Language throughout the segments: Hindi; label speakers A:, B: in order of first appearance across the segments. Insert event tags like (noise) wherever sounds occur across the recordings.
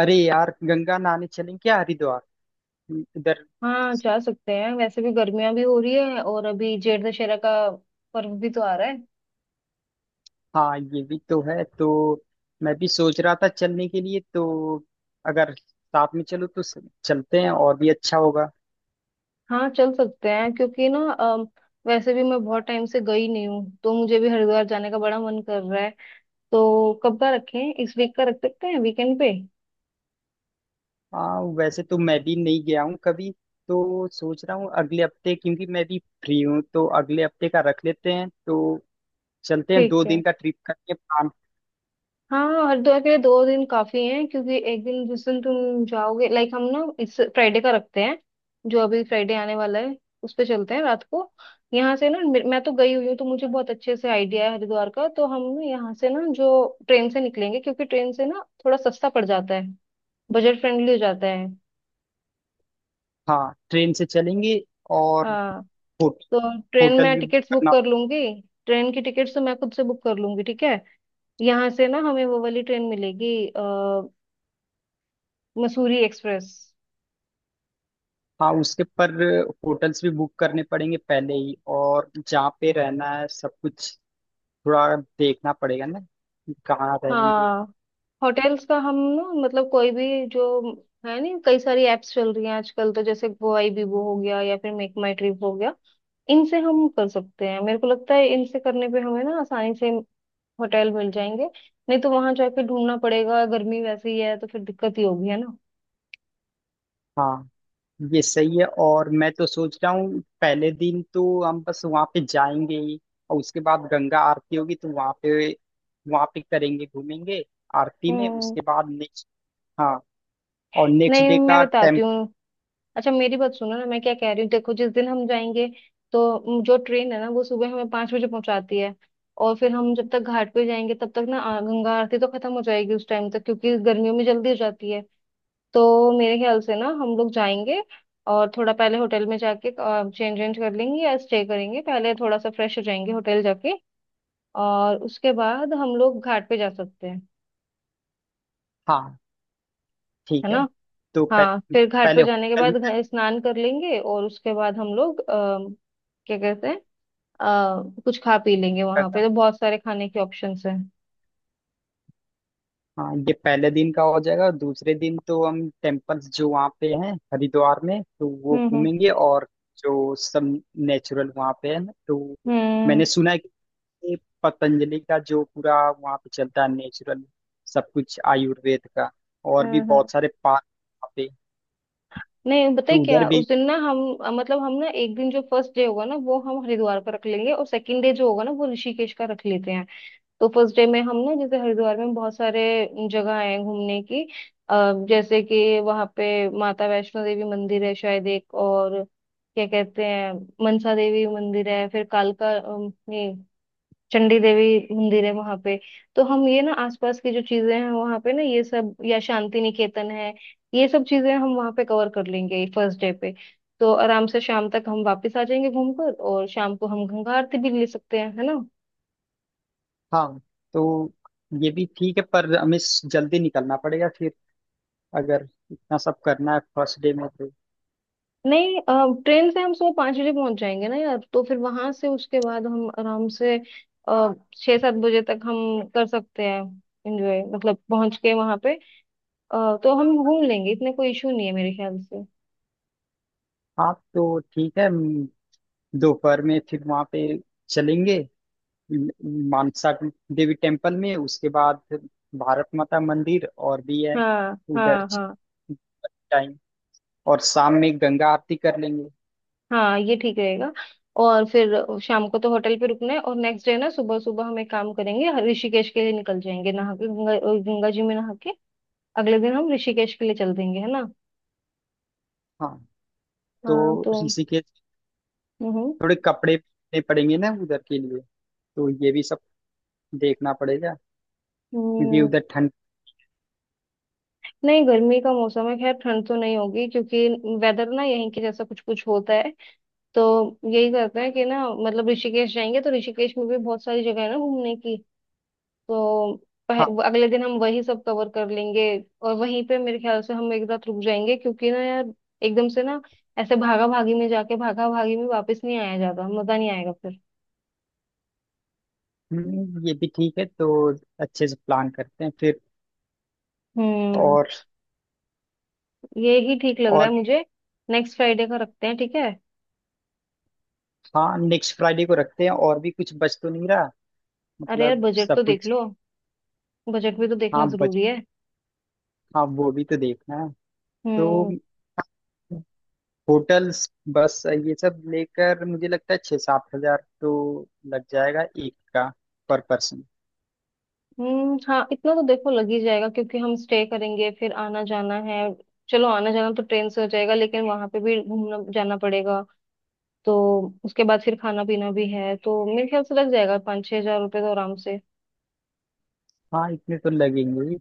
A: अरे यार, गंगा नहाने चलें क्या? हरिद्वार इधर।
B: हाँ, जा सकते हैं। वैसे भी गर्मियां भी हो रही है और अभी जेठ दशहरा का पर्व भी तो आ रहा है।
A: हाँ, ये भी तो है। तो मैं भी सोच रहा था चलने के लिए। तो अगर साथ में चलो तो चलते हैं, और भी अच्छा होगा।
B: हाँ, चल सकते हैं क्योंकि ना वैसे भी मैं बहुत टाइम से गई नहीं हूँ, तो मुझे भी हरिद्वार जाने का बड़ा मन कर रहा है। तो कब का रखें? इस वीक का रख सकते हैं, वीकेंड पे।
A: हाँ वैसे तो मैं भी नहीं गया हूँ कभी। तो सोच रहा हूँ अगले हफ्ते, क्योंकि मैं भी फ्री हूँ। तो अगले हफ्ते का रख लेते हैं। तो चलते हैं,
B: ठीक
A: दो
B: है।
A: दिन का ट्रिप करके प्लान।
B: हाँ, हरिद्वार के लिए 2 दिन काफी हैं क्योंकि एक दिन जिस दिन तुम जाओगे, लाइक हम ना इस फ्राइडे का रखते हैं, जो अभी फ्राइडे आने वाला है उस पे चलते हैं रात को। यहाँ से ना मैं तो गई हुई हूँ, तो मुझे बहुत अच्छे से आइडिया है हरिद्वार का। तो हम ना यहाँ से ना जो ट्रेन से निकलेंगे, क्योंकि ट्रेन से ना थोड़ा सस्ता पड़ जाता है, बजट फ्रेंडली हो जाता है।
A: हाँ ट्रेन से चलेंगे। और
B: हाँ,
A: होटल,
B: तो ट्रेन
A: होटल
B: में
A: भी बुक
B: टिकट्स बुक
A: करना।
B: कर लूंगी। ट्रेन की टिकट्स तो मैं खुद से बुक कर लूंगी, ठीक है। यहाँ से ना हमें वो वाली ट्रेन मिलेगी, मसूरी एक्सप्रेस।
A: हाँ उसके पर होटल्स भी बुक करने पड़ेंगे पहले ही, और जहाँ पे रहना है सब कुछ थोड़ा देखना पड़ेगा ना कि कहाँ रहेंगे।
B: हाँ। होटल्स का हम ना, मतलब कोई भी, जो है नहीं, कई सारी एप्स चल रही हैं आजकल, तो जैसे वो आई बीबो हो गया या फिर मेक माई ट्रिप हो गया, इनसे हम कर सकते हैं। मेरे को लगता है इनसे करने पे हमें ना आसानी से होटल मिल जाएंगे। नहीं तो वहां जाके ढूंढना पड़ेगा, गर्मी वैसे ही है तो फिर दिक्कत ही होगी, है ना।
A: हाँ, ये सही है। और मैं तो सोच रहा हूँ पहले दिन तो हम बस वहाँ पे जाएंगे ही, और उसके बाद गंगा आरती होगी तो वहाँ पे, वहाँ पे करेंगे, घूमेंगे आरती में।
B: हम्म,
A: उसके बाद नेक्स्ट। हाँ और नेक्स्ट
B: नहीं
A: डे
B: मैं
A: का
B: बताती
A: टेम्प।
B: हूँ। अच्छा मेरी बात सुनो ना, मैं क्या कह रही हूँ, देखो जिस दिन हम जाएंगे, तो जो ट्रेन है ना, वो सुबह हमें 5 बजे पहुंचाती है, और फिर हम जब तक घाट पे जाएंगे तब तक ना गंगा आरती तो खत्म हो जाएगी उस टाइम तक, क्योंकि गर्मियों में जल्दी हो जाती है। तो मेरे ख्याल से ना हम लोग जाएंगे और थोड़ा पहले होटल में जाके चेंज वेंज कर लेंगे, या स्टे करेंगे पहले, थोड़ा सा फ्रेश हो जाएंगे होटल जाके, और उसके बाद हम लोग घाट पे जा सकते हैं,
A: हाँ
B: है
A: ठीक है।
B: ना।
A: तो पह,
B: हाँ, फिर घाट पे
A: पहले
B: जाने के
A: होटल
B: बाद
A: में।
B: स्नान कर लेंगे और उसके बाद हम लोग क्या कहते हैं, कुछ खा पी लेंगे। वहां पे
A: गंगा।
B: तो बहुत सारे खाने के ऑप्शंस हैं।
A: हाँ ये पहले दिन का हो जाएगा। दूसरे दिन तो हम टेम्पल्स जो वहाँ पे हैं हरिद्वार में, तो वो
B: हम्म, हम्म,
A: घूमेंगे। और जो सब नेचुरल वहाँ पे है ना, तो
B: हम्म,
A: मैंने सुना है कि ये पतंजलि का जो पूरा वहाँ पे चलता है नेचुरल सब कुछ आयुर्वेद का, और भी
B: हम्म,
A: बहुत सारे पार्क वहाँ पे,
B: नहीं बताए
A: तो उधर
B: क्या,
A: भी।
B: उस दिन ना हम मतलब हम ना, एक दिन जो फर्स्ट डे होगा ना वो हम हरिद्वार का रख लेंगे, और सेकंड डे जो होगा ना वो ऋषिकेश का रख लेते हैं। तो फर्स्ट डे में हम ना, जैसे हरिद्वार में बहुत सारे जगह है घूमने की, जैसे कि वहाँ पे माता वैष्णो देवी मंदिर है, शायद, एक और क्या कहते हैं मनसा देवी मंदिर है, फिर कालका ये चंडी देवी मंदिर है वहां पे। तो हम ये ना आसपास की जो चीजें हैं वहां पे ना, ये सब, या शांति निकेतन है, ये सब चीजें हम वहां पे कवर कर लेंगे फर्स्ट डे पे। तो आराम से शाम तक हम वापस आ जाएंगे घूमकर, और शाम को हम गंगा आरती भी ले सकते हैं, है ना।
A: हाँ तो ये भी ठीक है, पर हमें जल्दी निकलना पड़ेगा फिर, अगर इतना सब करना है फर्स्ट डे में तो।
B: नहीं, ट्रेन से हम सुबह 5 बजे पहुंच जाएंगे ना यार, तो फिर वहां से उसके बाद हम आराम से 6-7 बजे तक हम कर सकते हैं एंजॉय, मतलब पहुंच के वहां पे। तो हम घूम लेंगे, इतने कोई इशू नहीं है मेरे ख्याल से।
A: हाँ तो ठीक है, दोपहर में फिर वहां पे चलेंगे मानसा देवी टेम्पल में। उसके बाद भारत माता मंदिर और भी है
B: हाँ,
A: उधर,
B: हाँ, हाँ।
A: टाइम। और शाम में गंगा आरती कर लेंगे।
B: हाँ, ये ठीक रहेगा। और फिर शाम को तो होटल पे रुकना है, और नेक्स्ट डे ना सुबह सुबह हम एक काम करेंगे, ऋषिकेश के लिए निकल जाएंगे नहा के, गंगा जी में नहा के अगले दिन हम ऋषिकेश के लिए चल देंगे, है ना।
A: हाँ तो
B: हाँ तो।
A: ऋषिकेश,
B: हम्म,
A: थोड़े कपड़े लेने पड़ेंगे ना उधर के लिए, तो ये भी सब देखना पड़ेगा क्योंकि
B: हम्म,
A: उधर ठंड।
B: नहीं गर्मी का मौसम है, खैर ठंड तो नहीं होगी क्योंकि वेदर ना यहीं के जैसा कुछ कुछ होता है। तो यही करते हैं कि ना, मतलब ऋषिकेश जाएंगे तो ऋषिकेश में भी बहुत सारी जगह है ना घूमने की, तो
A: हाँ।
B: वो अगले दिन हम वही सब कवर कर लेंगे। और वहीं पे मेरे ख्याल से हम एक रात रुक जाएंगे, क्योंकि ना यार एकदम से ना ऐसे भागा भागी में जाके भागा भागी में वापस नहीं आया जाता, मजा नहीं आएगा फिर।
A: ये भी ठीक है। तो अच्छे से प्लान करते हैं फिर।
B: हम्म,
A: और
B: ये ही ठीक लग रहा
A: और
B: है मुझे। नेक्स्ट फ्राइडे का रखते हैं, ठीक है।
A: हाँ, नेक्स्ट फ्राइडे को रखते हैं। और भी कुछ बच तो नहीं रहा
B: अरे यार,
A: मतलब
B: बजट तो
A: सब
B: देख
A: कुछ?
B: लो, बजट भी तो देखना
A: हाँ,
B: जरूरी है।
A: हाँ वो भी तो देखना है। तो
B: हम्म।
A: होटल्स, बस ये सब लेकर मुझे लगता है छः सात हजार तो लग जाएगा एक का, पर पर्सन।
B: हम्म, हाँ इतना तो देखो लग ही जाएगा, क्योंकि हम स्टे करेंगे, फिर आना जाना है। चलो, आना जाना तो ट्रेन से हो जाएगा, लेकिन वहां पे भी घूमना जाना पड़ेगा, तो उसके बाद फिर खाना पीना भी है, तो मेरे ख्याल से लग जाएगा 5-6 हज़ार रुपये तो आराम से।
A: हाँ इतने तो लगेंगे ही।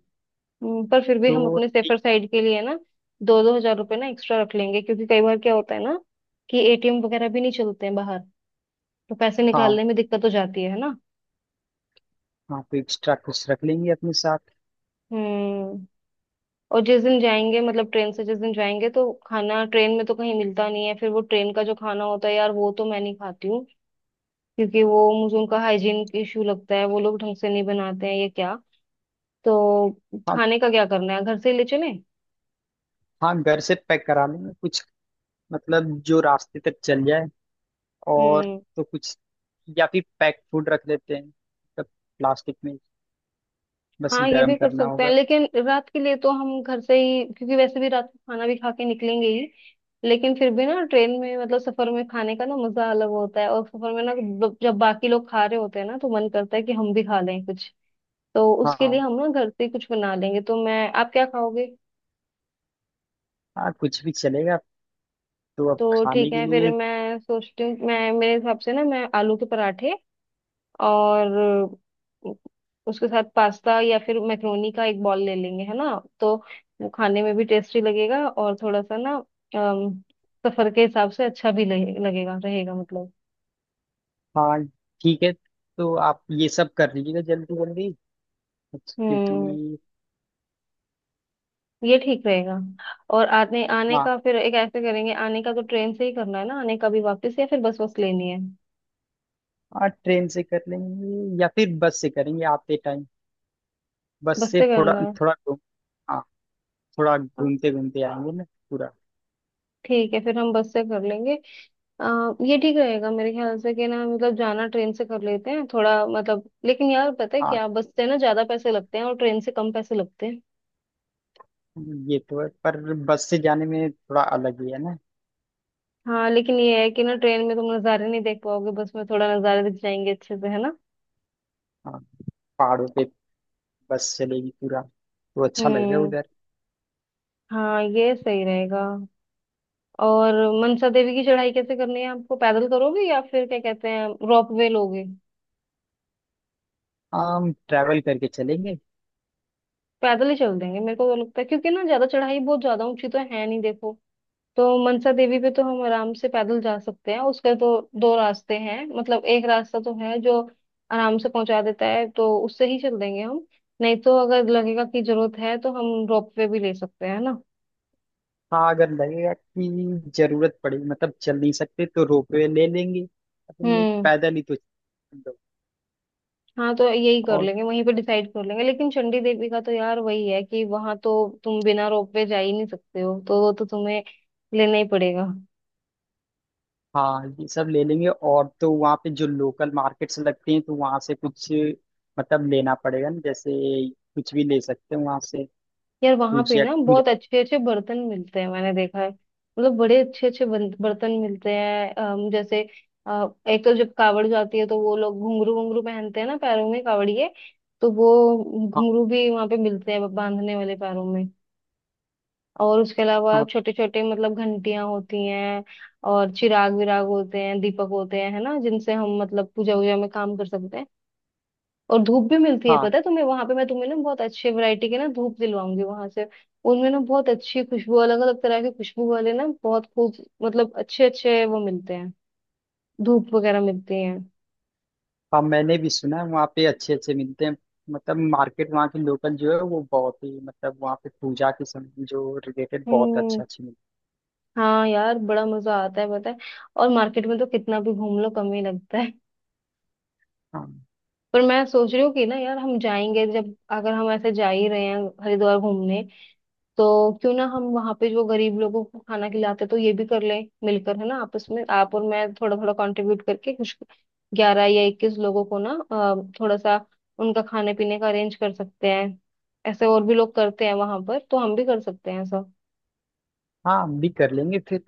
B: पर फिर भी
A: तो
B: हम अपने
A: एक,
B: सेफर साइड के लिए ना 2-2 हज़ार रुपये ना एक्स्ट्रा रख लेंगे, क्योंकि कई बार क्या होता है ना, कि एटीएम वगैरह भी नहीं चलते हैं बाहर, तो पैसे
A: हाँ
B: निकालने में दिक्कत हो जाती है ना।
A: हाँ, तो एक्स्ट्रा कुछ रख लेंगे अपने साथ।
B: हम्म। और जिस दिन जाएंगे, मतलब ट्रेन से जिस दिन जाएंगे, तो खाना ट्रेन में तो कहीं मिलता नहीं है। फिर वो ट्रेन का जो खाना होता है यार, वो तो मैं नहीं खाती हूँ, क्योंकि वो मुझे उनका हाइजीन इशू लगता है, वो लोग ढंग से नहीं बनाते हैं, ये क्या। तो
A: हाँ,
B: खाने का क्या करना है, घर से ही ले चलें।
A: हाँ घर से पैक करा लेंगे कुछ, मतलब जो रास्ते तक चल जाए। और
B: हम्म,
A: तो कुछ, या फिर पैक फूड रख लेते हैं, मतलब प्लास्टिक में, बस
B: हाँ ये
A: गर्म
B: भी कर
A: करना
B: सकते हैं,
A: होगा।
B: लेकिन रात के लिए तो हम घर से ही, क्योंकि वैसे भी रात को खाना भी खा के निकलेंगे ही। लेकिन फिर भी ना, ट्रेन में मतलब सफर में खाने का ना मजा अलग होता है, और सफर में ना जब बाकी लोग खा रहे होते हैं ना, तो मन करता है कि हम भी खा लें कुछ। तो उसके लिए
A: हाँ,
B: हम ना घर से ही कुछ बना लेंगे। तो मैं, आप क्या खाओगे?
A: हाँ कुछ भी चलेगा। तो अब
B: तो
A: खाने
B: ठीक
A: के
B: है, फिर
A: लिए।
B: मैं सोचती हूँ, मैं मेरे हिसाब से ना, मैं आलू के पराठे और उसके साथ पास्ता या फिर मैक्रोनी का एक बॉल ले लेंगे, है ना। तो वो खाने में भी टेस्टी लगेगा और थोड़ा सा ना अम, सफर के हिसाब से अच्छा भी लगेगा रहेगा, मतलब।
A: हाँ ठीक है, तो आप ये सब कर लीजिएगा जल्दी जल्दी,
B: हम्म,
A: क्योंकि।
B: ये ठीक रहेगा। और आने आने
A: हाँ,
B: का फिर एक ऐसे करेंगे, आने का तो ट्रेन से ही करना है ना, आने का भी वापस, या फिर बस बस लेनी है।
A: हाँ ट्रेन से कर लेंगे या फिर बस से करेंगे आते टाइम। बस
B: बस
A: से
B: से
A: थोड़ा,
B: करना
A: थोड़ा घूम, हाँ थोड़ा
B: है,
A: घूमते घूमते आएंगे ना पूरा।
B: ठीक है फिर हम बस से कर लेंगे। ये ठीक रहेगा मेरे ख्याल से कि ना, मतलब जाना ट्रेन से कर लेते हैं थोड़ा, मतलब लेकिन यार पता है
A: हाँ
B: क्या, बस से ना ज्यादा पैसे लगते हैं और ट्रेन से कम पैसे लगते हैं।
A: ये तो है, पर बस से जाने में थोड़ा अलग ही है ना।
B: हाँ, लेकिन ये है कि ना ट्रेन में तुम नज़ारे नहीं देख पाओगे, बस में थोड़ा नज़ारे दिख जाएंगे अच्छे से, है ना।
A: हाँ पहाड़ों पे बस चलेगी पूरा, तो अच्छा लगेगा
B: हम्म,
A: उधर।
B: हाँ ये सही रहेगा। और मनसा देवी की चढ़ाई कैसे करनी है आपको, पैदल करोगे या फिर क्या कहते हैं रोप वे लोगे?
A: हम ट्रैवल करके चलेंगे।
B: पैदल ही चल देंगे मेरे को तो लगता है, क्योंकि ना ज्यादा चढ़ाई बहुत ज्यादा ऊंची तो है नहीं देखो। तो मनसा देवी पे तो हम आराम से पैदल जा सकते हैं, उसके तो दो रास्ते हैं, मतलब एक रास्ता तो है जो आराम से पहुंचा देता है, तो उससे ही चल देंगे हम। नहीं तो अगर लगेगा कि जरूरत है तो हम रोप वे भी ले सकते हैं ना।
A: हाँ अगर लगेगा कि जरूरत पड़ेगी, मतलब चल नहीं सकते, तो रोपवे ले लेंगे। अपन नहीं,
B: हम्म,
A: पैदल ही तो चल लो।
B: हाँ तो यही कर
A: और
B: लेंगे, वहीं पे डिसाइड कर लेंगे। लेकिन चंडी देवी का तो यार वही है, कि वहां तो तुम बिना रोप वे जा ही नहीं सकते हो, तो वो तो तुम्हें लेना ही पड़ेगा।
A: हाँ ये सब ले लेंगे। और तो वहाँ पे जो लोकल मार्केट्स लगते हैं, तो वहाँ से कुछ मतलब लेना पड़ेगा ना। जैसे कुछ भी ले सकते हैं वहाँ से।
B: यार वहां पे
A: पूजा
B: ना
A: पूजा।
B: बहुत अच्छे अच्छे बर्तन मिलते हैं, मैंने देखा है, मतलब बड़े अच्छे अच्छे बर्तन मिलते हैं। जैसे एक तो जब कावड़ जाती है तो वो लोग घुंघरू घुंघरू पहनते हैं ना पैरों में, कावड़िए, तो वो
A: हाँ,
B: घुंघरू भी वहां पे मिलते हैं बांधने वाले पैरों में। और उसके अलावा
A: हाँ,
B: छोटे छोटे मतलब घंटियां होती हैं, और चिराग विराग होते हैं, दीपक होते हैं, है ना, जिनसे हम मतलब पूजा वूजा में काम कर सकते हैं। और धूप भी मिलती है
A: हाँ।
B: पता है तुम्हें, वहां पे मैं तुम्हें ना बहुत अच्छे वैरायटी के ना धूप दिलवाऊंगी वहां से। उनमें ना बहुत अच्छी खुशबू, अलग अलग तरह के खुशबू वाले ना बहुत खूब, मतलब अच्छे अच्छे वो मिलते हैं, धूप वगैरह मिलती हैं।
A: हाँ मैंने भी सुना है वहाँ पे अच्छे अच्छे मिलते हैं, मतलब मार्केट वहाँ की लोकल जो है वो बहुत ही, मतलब वहाँ पे पूजा के समय जो रिलेटेड बहुत
B: हम्म,
A: अच्छा अच्छी मिलती
B: हाँ यार बड़ा मजा आता है पता है, और मार्केट में तो कितना भी घूम लो कम ही लगता है।
A: है। हाँ,
B: पर मैं सोच रही हूँ कि ना यार, हम जाएंगे जब, अगर हम ऐसे जा ही रहे हैं हरिद्वार घूमने, तो क्यों ना हम वहां पे जो गरीब लोगों को खाना खिलाते, तो ये भी कर लें मिलकर, है ना, आपस में आप और मैं थोड़ा थोड़ा कंट्रीब्यूट करके कुछ 11 या 21 लोगों को ना थोड़ा सा उनका खाने पीने का अरेंज कर सकते हैं। ऐसे और भी लोग करते हैं वहां पर, तो हम भी कर सकते हैं ऐसा,
A: हाँ हम भी कर लेंगे फिर।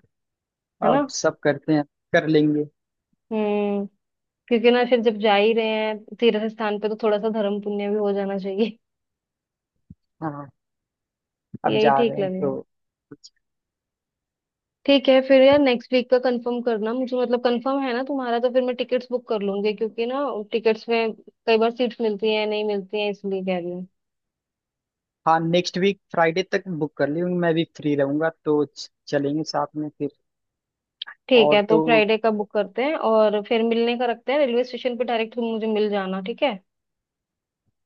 B: है
A: अब
B: ना।
A: सब करते हैं, कर लेंगे।
B: हम्म, क्योंकि ना फिर जब जा ही रहे हैं तीर्थ स्थान पे, तो थोड़ा सा धर्म पुण्य भी हो जाना चाहिए।
A: हाँ अब
B: यही
A: जा रहे
B: ठीक
A: हैं
B: लगेगा।
A: तो।
B: ठीक है फिर यार नेक्स्ट वीक का कंफर्म करना मुझे, मतलब कंफर्म है ना तुम्हारा, तो फिर मैं टिकट्स बुक कर लूंगी, क्योंकि ना टिकट्स में कई बार सीट्स मिलती हैं, नहीं मिलती हैं, इसलिए कह रही हूँ।
A: हाँ नेक्स्ट वीक फ्राइडे तक बुक कर लूंगी, मैं भी फ्री रहूंगा, तो चलेंगे साथ में फिर।
B: ठीक है,
A: और
B: तो
A: तो
B: फ्राइडे का बुक करते हैं, और फिर मिलने का रखते हैं रेलवे स्टेशन पे डायरेक्ट, तुम मुझे मिल जाना, ठीक है।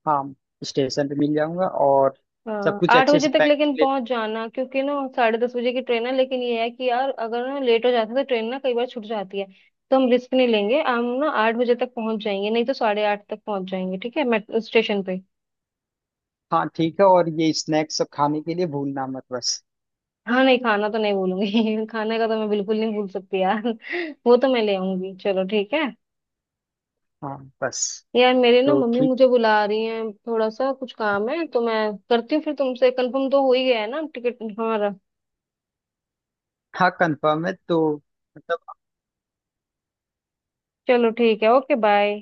A: हाँ, स्टेशन पे मिल जाऊंगा। और सब
B: हाँ,
A: कुछ
B: आठ
A: अच्छे
B: बजे
A: से
B: तक
A: पैक
B: लेकिन
A: कर ले।
B: पहुंच जाना, क्योंकि ना 10:30 बजे की ट्रेन है, लेकिन ये है कि यार अगर ना लेट हो जाता है तो ट्रेन ना कई बार छूट जाती है। तो हम रिस्क नहीं लेंगे, हम ना 8 बजे तक पहुंच जाएंगे, नहीं तो 8:30 तक पहुंच जाएंगे, ठीक है, मेट्रो स्टेशन पे।
A: हाँ ठीक है, और ये स्नैक्स सब खाने के लिए भूलना मत बस।
B: हाँ, नहीं खाना तो नहीं भूलूंगी (laughs) खाने का तो मैं बिल्कुल नहीं भूल सकती यार (laughs) वो तो मैं ले आऊंगी, चलो ठीक है।
A: हाँ बस।
B: यार मेरी ना
A: तो
B: मम्मी
A: ठीक।
B: मुझे बुला रही है, थोड़ा सा कुछ काम है तो मैं करती हूँ, फिर तुमसे कंफर्म तो हो ही गया है ना टिकट हमारा।
A: हाँ कंफर्म है, तो मतलब
B: चलो ठीक है, ओके बाय।